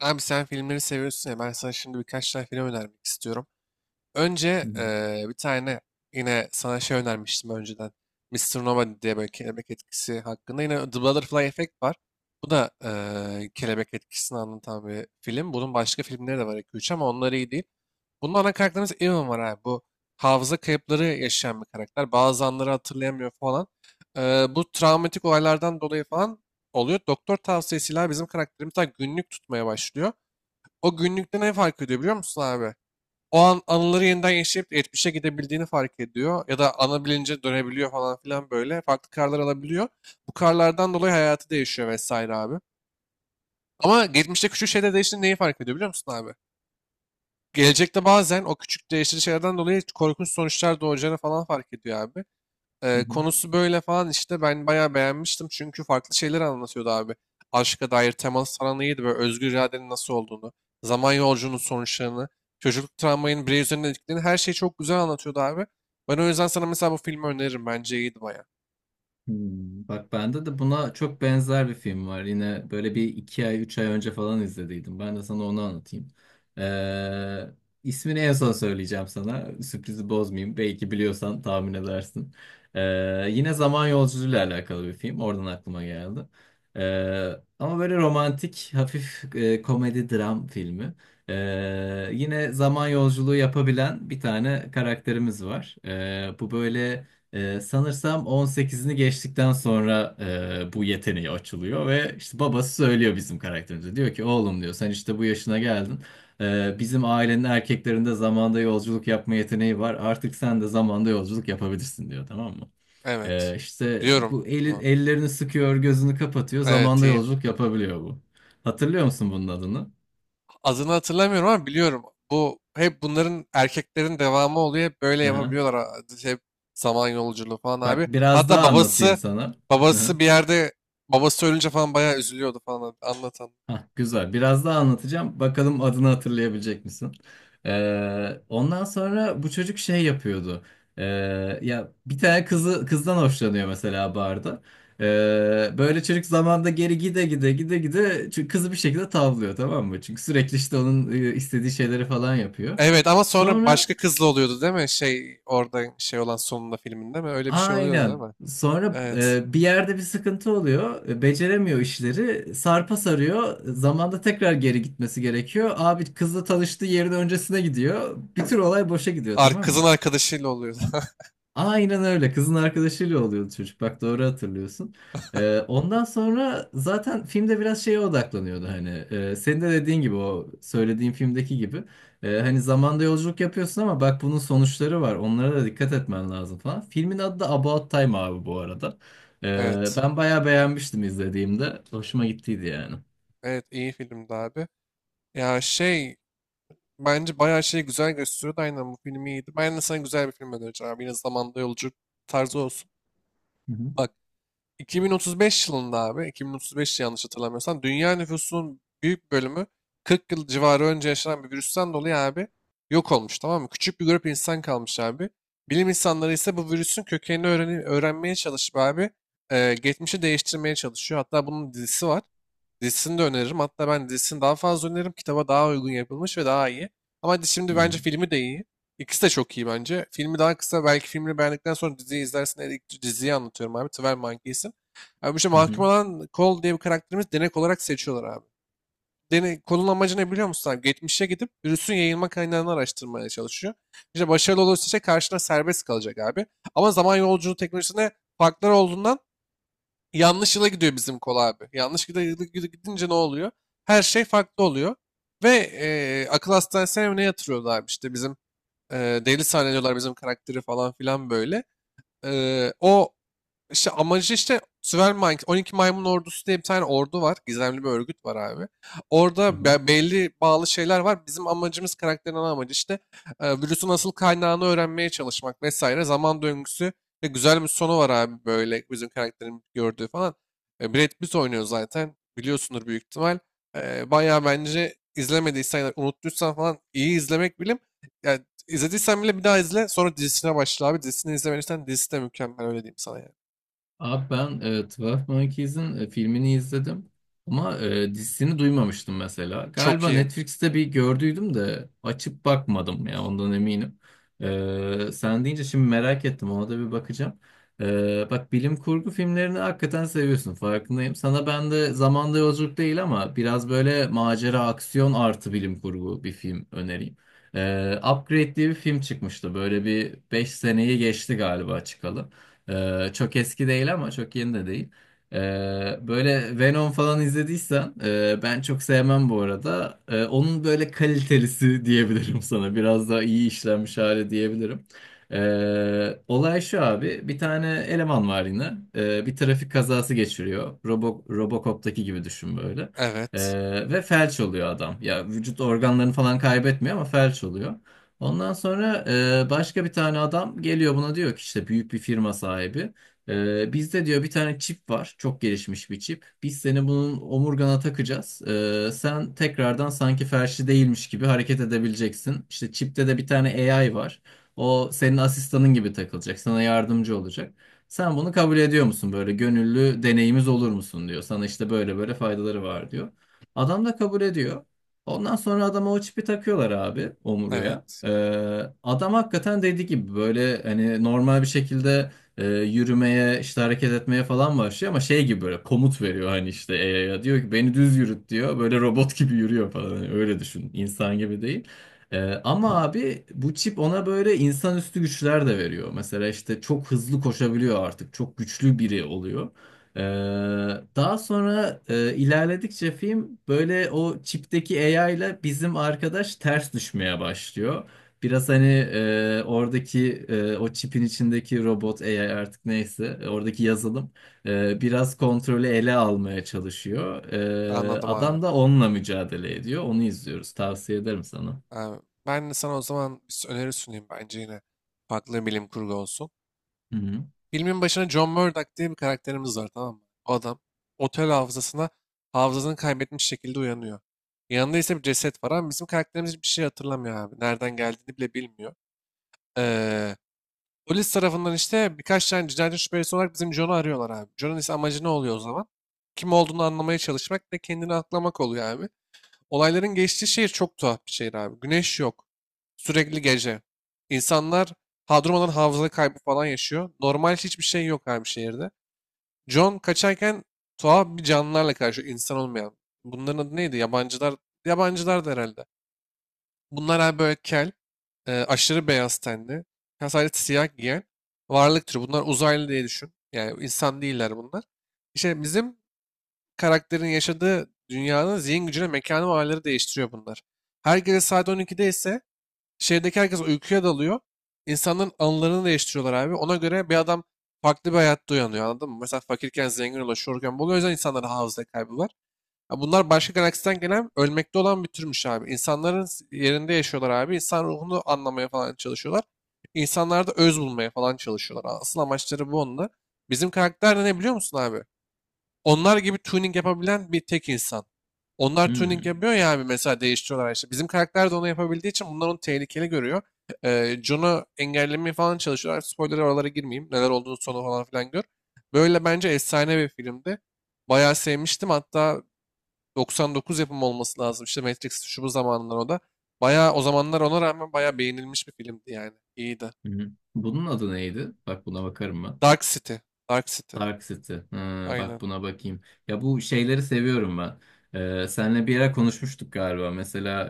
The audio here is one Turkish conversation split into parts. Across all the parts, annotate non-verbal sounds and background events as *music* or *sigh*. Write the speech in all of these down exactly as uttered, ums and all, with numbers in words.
Abi sen filmleri seviyorsun ya, ben sana şimdi birkaç tane film önermek istiyorum. Hı Önce hı, eee, bir tane yine sana şey önermiştim önceden. Mister Nova diye, böyle kelebek etkisi hakkında. Yine The Butterfly Effect var. Bu da eee, kelebek etkisini anlatan bir film. Bunun başka filmleri de var iki üç ama onlar iyi değil. Bunun ana karakterimiz Evan var abi. Bu hafıza kayıpları yaşayan bir karakter. Bazı anları hatırlayamıyor falan. Eee, bu travmatik olaylardan dolayı falan oluyor. Doktor tavsiyesiyle bizim karakterimiz daha günlük tutmaya başlıyor. O günlükte ne fark ediyor biliyor musun abi? O an anıları yeniden yaşayıp geçmişe gidebildiğini fark ediyor. Ya da ana bilince dönebiliyor falan filan böyle. Farklı karlar alabiliyor. Bu karlardan dolayı hayatı değişiyor vesaire abi. Ama geçmişte küçük şeyler değiştiğinde neyi fark ediyor biliyor musun abi? Gelecekte bazen o küçük değiştirici şeylerden dolayı korkunç sonuçlar doğacağını falan fark ediyor abi. hı. Ee, hı. Konusu böyle falan işte, ben bayağı beğenmiştim, çünkü farklı şeyler anlatıyordu abi. Aşka dair temas falan iyiydi, böyle özgür iradenin nasıl olduğunu, zaman yolculuğunun sonuçlarını, çocukluk travmanın birey üzerinde etkilerini, her şeyi çok güzel anlatıyordu abi. Ben o yüzden sana mesela bu filmi öneririm, bence iyiydi bayağı. Hmm. Bak bende de buna çok benzer bir film var. Yine böyle bir iki ay, üç ay önce falan izlediydim. Ben de sana onu anlatayım. Ee, ismini en son söyleyeceğim sana. Sürprizi bozmayayım. Belki biliyorsan tahmin edersin. Ee, yine zaman yolculuğuyla alakalı bir film. Oradan aklıma geldi. Ee, ama böyle romantik, hafif e, komedi dram filmi. Ee, yine zaman yolculuğu yapabilen bir tane karakterimiz var. Ee, bu böyle... Ee, sanırsam on sekizini geçtikten sonra e, bu yeteneği açılıyor ve işte babası söylüyor bizim karakterimize. Diyor ki oğlum diyor sen işte bu yaşına geldin. Ee, bizim ailenin erkeklerinde zamanda yolculuk yapma yeteneği var. Artık sen de zamanda yolculuk yapabilirsin diyor, tamam mı? Ee, Evet. işte Biliyorum bu eli, bunu. ellerini sıkıyor, gözünü kapatıyor. Evet, Zamanda iyi. yolculuk yapabiliyor bu. Hatırlıyor musun bunun adını? Adını hatırlamıyorum ama biliyorum. Bu hep bunların, erkeklerin devamı oluyor. Hep böyle Hı hı. yapabiliyorlar. a- Hep zaman yolculuğu falan Bak abi. biraz Hatta daha anlatayım babası sana. Hı babası hı. bir yerde, babası ölünce falan bayağı üzülüyordu falan anlatan. Hah, güzel. Biraz daha anlatacağım. Bakalım adını hatırlayabilecek misin? Ee, ondan sonra bu çocuk şey yapıyordu. Ee, ya bir tane kızı kızdan hoşlanıyor mesela barda. Ee, böyle çocuk zamanda geri gide gide gide gide, çünkü kızı bir şekilde tavlıyor, tamam mı? Çünkü sürekli işte onun e, istediği şeyleri falan yapıyor. Evet ama sonra Sonra başka kızla oluyordu değil mi? Şey orada şey olan sonunda filminde mi? Öyle bir şey oluyordu değil Aynen. mi? Sonra Evet. e, bir yerde bir sıkıntı oluyor. E, Beceremiyor işleri. Sarpa sarıyor. Zamanda tekrar geri gitmesi gerekiyor. Abi kızla tanıştığı yerin öncesine gidiyor. Bir tür olay boşa gidiyor, Ar tamam kızın mı? arkadaşıyla oluyordu. *laughs* Aynen öyle. Kızın arkadaşıyla oluyordu çocuk. Bak, doğru hatırlıyorsun. Ee, ondan sonra zaten filmde biraz şeye odaklanıyordu hani. Ee, senin de dediğin gibi, o söylediğin filmdeki gibi. Ee, hani zamanda yolculuk yapıyorsun, ama bak bunun sonuçları var. Onlara da dikkat etmen lazım falan. Filmin adı da About Time abi bu arada. Ee, Evet. ben bayağı beğenmiştim izlediğimde. Hoşuma gittiydi yani. Evet, iyi filmdi abi. Ya şey, bence bayağı şeyi güzel gösteriyordu. Aynen, bu film iyiydi. Ben de sana güzel bir film önereceğim abi. Yine zamanda yolculuk tarzı olsun. Hı hı. Bak. iki bin otuz beş yılında abi, iki bin otuz beş yanlış hatırlamıyorsam, dünya nüfusunun büyük bölümü kırk yıl civarı önce yaşanan bir virüsten dolayı abi yok olmuş tamam mı? Küçük bir grup insan kalmış abi. Bilim insanları ise bu virüsün kökenini öğreni- öğrenmeye çalışıp abi e, geçmişi değiştirmeye çalışıyor. Hatta bunun dizisi var. Dizisini de öneririm. Hatta ben dizisini daha fazla öneririm. Kitaba daha uygun yapılmış ve daha iyi. Ama Hı şimdi bence hı. filmi de iyi. İkisi de çok iyi bence. Filmi daha kısa. Belki filmini beğendikten sonra diziyi izlersin. Eğer ilk, diziyi anlatıyorum abi. Twelve Monkeys'in. Abi bu işte, Hı hı. mahkum olan Cole diye bir karakterimiz, denek olarak seçiyorlar abi. Denek, Cole'un amacı ne biliyor musun abi? Geçmişe gidip virüsün yayılma kaynağını araştırmaya çalışıyor. İşte başarılı olursa işte karşına serbest kalacak abi. Ama zaman yolculuğu teknolojisinde farklar olduğundan yanlış yıla gidiyor bizim Cole abi. Yanlış gide- gide- gidince ne oluyor? Her şey farklı oluyor. Ve eee, akıl hastanesine mi ne yatırıyorlar abi işte bizim. Eee deli zannediyorlar bizim karakteri falan filan böyle. Eee, o işte amacı işte, Süvermank, on iki Maymun Ordusu diye bir tane ordu var. Gizemli bir örgüt var abi. Orada be- belli bağlı şeyler var. Bizim amacımız, karakterin ana amacı işte e, virüsün asıl kaynağını öğrenmeye çalışmak vesaire. Zaman döngüsü ve güzel bir sonu var abi, böyle bizim karakterin gördüğü falan. E, Brad Pitt oynuyor zaten. Biliyorsundur büyük ihtimal. E, bayağı bence izlemediysen ya da unuttuysan falan iyi izlemek bilim. Yani izlediysen bile bir daha izle. Sonra dizisine başla abi. Dizisini izlemediysen dizisi de mükemmel, öyle diyeyim sana yani. Abi ben e, Twelve Monkeys'in e, filmini izledim, ama e, dizisini duymamıştım mesela. Çok Galiba iyi. Netflix'te bir gördüydüm de açıp bakmadım, ya ondan eminim. E, sen deyince şimdi merak ettim, ona da bir bakacağım. E, bak bilim kurgu filmlerini hakikaten seviyorsun, farkındayım. Sana ben de zamanda yolculuk değil ama biraz böyle macera aksiyon artı bilim kurgu bir film önereyim. E, Upgrade diye bir film çıkmıştı, böyle bir beş seneyi geçti galiba çıkalı. Ee, çok eski değil ama çok yeni de değil. Ee, böyle Venom falan izlediysen, e, ben çok sevmem bu arada. Ee, onun böyle kalitelisi *laughs* diyebilirim sana. Biraz daha iyi işlenmiş hali diyebilirim. Ee, olay şu abi. Bir tane eleman var yine. Ee, bir trafik kazası geçiriyor. Robo, Robocop'taki gibi düşün böyle. Evet. Ee, ve felç oluyor adam. Ya vücut organlarını falan kaybetmiyor ama felç oluyor. Ondan sonra e, başka bir tane adam geliyor buna, diyor ki işte büyük bir firma sahibi. E, bizde diyor bir tane çip var. Çok gelişmiş bir çip. Biz seni bunun omurgana takacağız. E, sen tekrardan sanki felçli değilmiş gibi hareket edebileceksin. İşte çipte de bir tane A I var. O senin asistanın gibi takılacak. Sana yardımcı olacak. Sen bunu kabul ediyor musun? Böyle gönüllü deneyimiz olur musun diyor. Sana işte böyle böyle faydaları var diyor. Adam da kabul ediyor. Ondan sonra adama o çipi takıyorlar abi, omurguya. Evet. Ee, adam hakikaten dediği gibi böyle hani normal bir şekilde e, yürümeye işte hareket etmeye falan başlıyor, ama şey gibi böyle komut veriyor hani, işte A I'ya diyor ki beni düz yürüt, diyor. Böyle robot gibi yürüyor falan. Hani öyle düşün, insan gibi değil. Ee, ama abi bu çip ona böyle insanüstü güçler de veriyor. Mesela işte çok hızlı koşabiliyor, artık çok güçlü biri oluyor. Ee, daha sonra e, ilerledikçe film böyle o çipteki A I ile bizim arkadaş ters düşmeye başlıyor. Biraz hani e, oradaki e, o çipin içindeki robot A I artık, neyse, e, oradaki yazılım e, biraz kontrolü ele almaya çalışıyor. E, Anladım abi. adam da onunla mücadele ediyor. Onu izliyoruz. Tavsiye ederim sana. Abi, ben de sana o zaman bir s- öneri sunayım. Bence yine farklı bilim kurgu olsun. Hı hı. Filmin başına John Murdock diye bir karakterimiz var tamam mı? O adam otel hafızasına hafızasını kaybetmiş şekilde uyanıyor. Yanında ise bir ceset var ama bizim karakterimiz bir şey hatırlamıyor abi. Nereden geldiğini bile bilmiyor. Ee, Polis tarafından işte birkaç tane cinayet şüphelisi olarak bizim John'u arıyorlar abi. John'un ise amacı ne oluyor o zaman? Kim olduğunu anlamaya çalışmak ve kendini aklamak oluyor abi. Olayların geçtiği şehir çok tuhaf bir şehir abi. Güneş yok. Sürekli gece. İnsanlar hadrumadan hafıza kaybı falan yaşıyor. Normal hiçbir şey yok abi şehirde. John kaçarken tuhaf bir canlılarla karşı, insan olmayan. Bunların adı neydi? Yabancılar. Yabancılar da herhalde. Bunlar abi böyle kel, e, aşırı beyaz tenli, ya sadece siyah giyen varlık türü. Bunlar uzaylı diye düşün. Yani insan değiller bunlar. İşte bizim karakterin yaşadığı dünyanın zihin gücüne, mekana ve olayları değiştiriyor bunlar. Her gece saat on ikide ise şehirdeki herkes uykuya dalıyor. İnsanların anılarını değiştiriyorlar abi. Ona göre bir adam farklı bir hayatta uyanıyor, anladın mı? Mesela fakirken zengin ulaşıyorken buluyor. O yüzden insanların hafıza kaybı var. Ya bunlar başka galaksiden gelen ölmekte olan bir türmüş abi. İnsanların yerinde yaşıyorlar abi. İnsan ruhunu anlamaya falan çalışıyorlar. İnsanlarda öz bulmaya falan çalışıyorlar. Asıl amaçları bu onda. Bizim karakter de ne biliyor musun abi? Onlar gibi tuning yapabilen bir tek insan. Onlar tuning Hmm. yapıyor ya abi, mesela değiştiriyorlar işte. Bizim karakter de onu yapabildiği için bunlar onu tehlikeli görüyor. Ee, John'u engellemeye falan çalışıyorlar. Spoiler'a oralara girmeyeyim. Neler olduğunu, sonu falan filan gör. Böyle bence efsane bir filmdi. Bayağı sevmiştim. Hatta doksan dokuz yapımı olması lazım. İşte Matrix şu bu zamanlar o da. Bayağı o zamanlar ona rağmen bayağı beğenilmiş bir filmdi yani. İyiydi. Hı hı. Bunun adı neydi? Bak, buna bakarım ben. Dark City. Dark City. Dark City. Ha, Aynen. bak buna bakayım. Ya bu şeyleri seviyorum ben. Ee, senle bir ara konuşmuştuk galiba. Mesela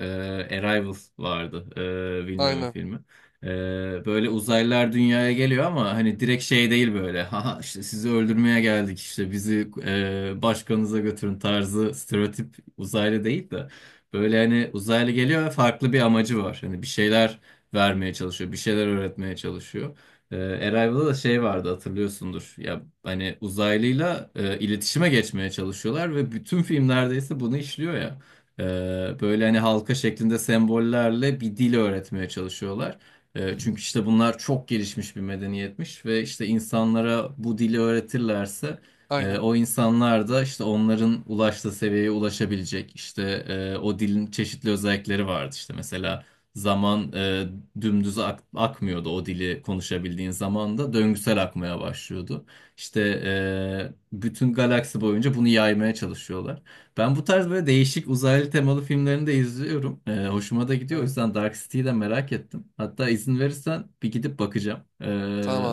e, Arrival vardı. E, Villeneuve'ün Aynen. filmi. Ee, böyle uzaylılar dünyaya geliyor, ama hani direkt şey değil böyle. *laughs* Haha, işte sizi öldürmeye geldik, işte bizi e, başkanınıza götürün tarzı stereotip uzaylı değil de. Böyle hani uzaylı geliyor ve farklı bir amacı var. Hani bir şeyler vermeye çalışıyor. Bir şeyler öğretmeye çalışıyor. Ee, Arrival'da da şey vardı, hatırlıyorsundur. Ya hani uzaylıyla e, iletişime geçmeye çalışıyorlar ve bütün film neredeyse bunu işliyor ya. Ee, böyle hani halka şeklinde sembollerle bir dil öğretmeye çalışıyorlar. Ee, çünkü işte bunlar çok gelişmiş bir medeniyetmiş ve işte insanlara bu dili öğretirlerse e, Aynen. o insanlar da işte onların ulaştığı seviyeye ulaşabilecek. İşte e, o dilin çeşitli özellikleri vardı işte mesela. Zaman e, dümdüz ak- akmıyordu, o dili konuşabildiğin zaman da döngüsel akmaya başlıyordu. İşte e, bütün galaksi boyunca bunu yaymaya çalışıyorlar. Ben bu tarz böyle değişik uzaylı temalı filmlerini de izliyorum. E, hoşuma da gidiyor. O Aynen. yüzden Dark City'yi de merak ettim. Hatta izin verirsen bir gidip bakacağım.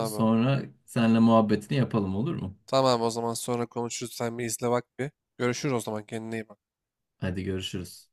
E, abi. sonra seninle muhabbetini yapalım, olur mu? Tamam, o zaman sonra konuşuruz. Sen bir izle bak bir. Görüşürüz o zaman. Kendine iyi bak. Hadi görüşürüz.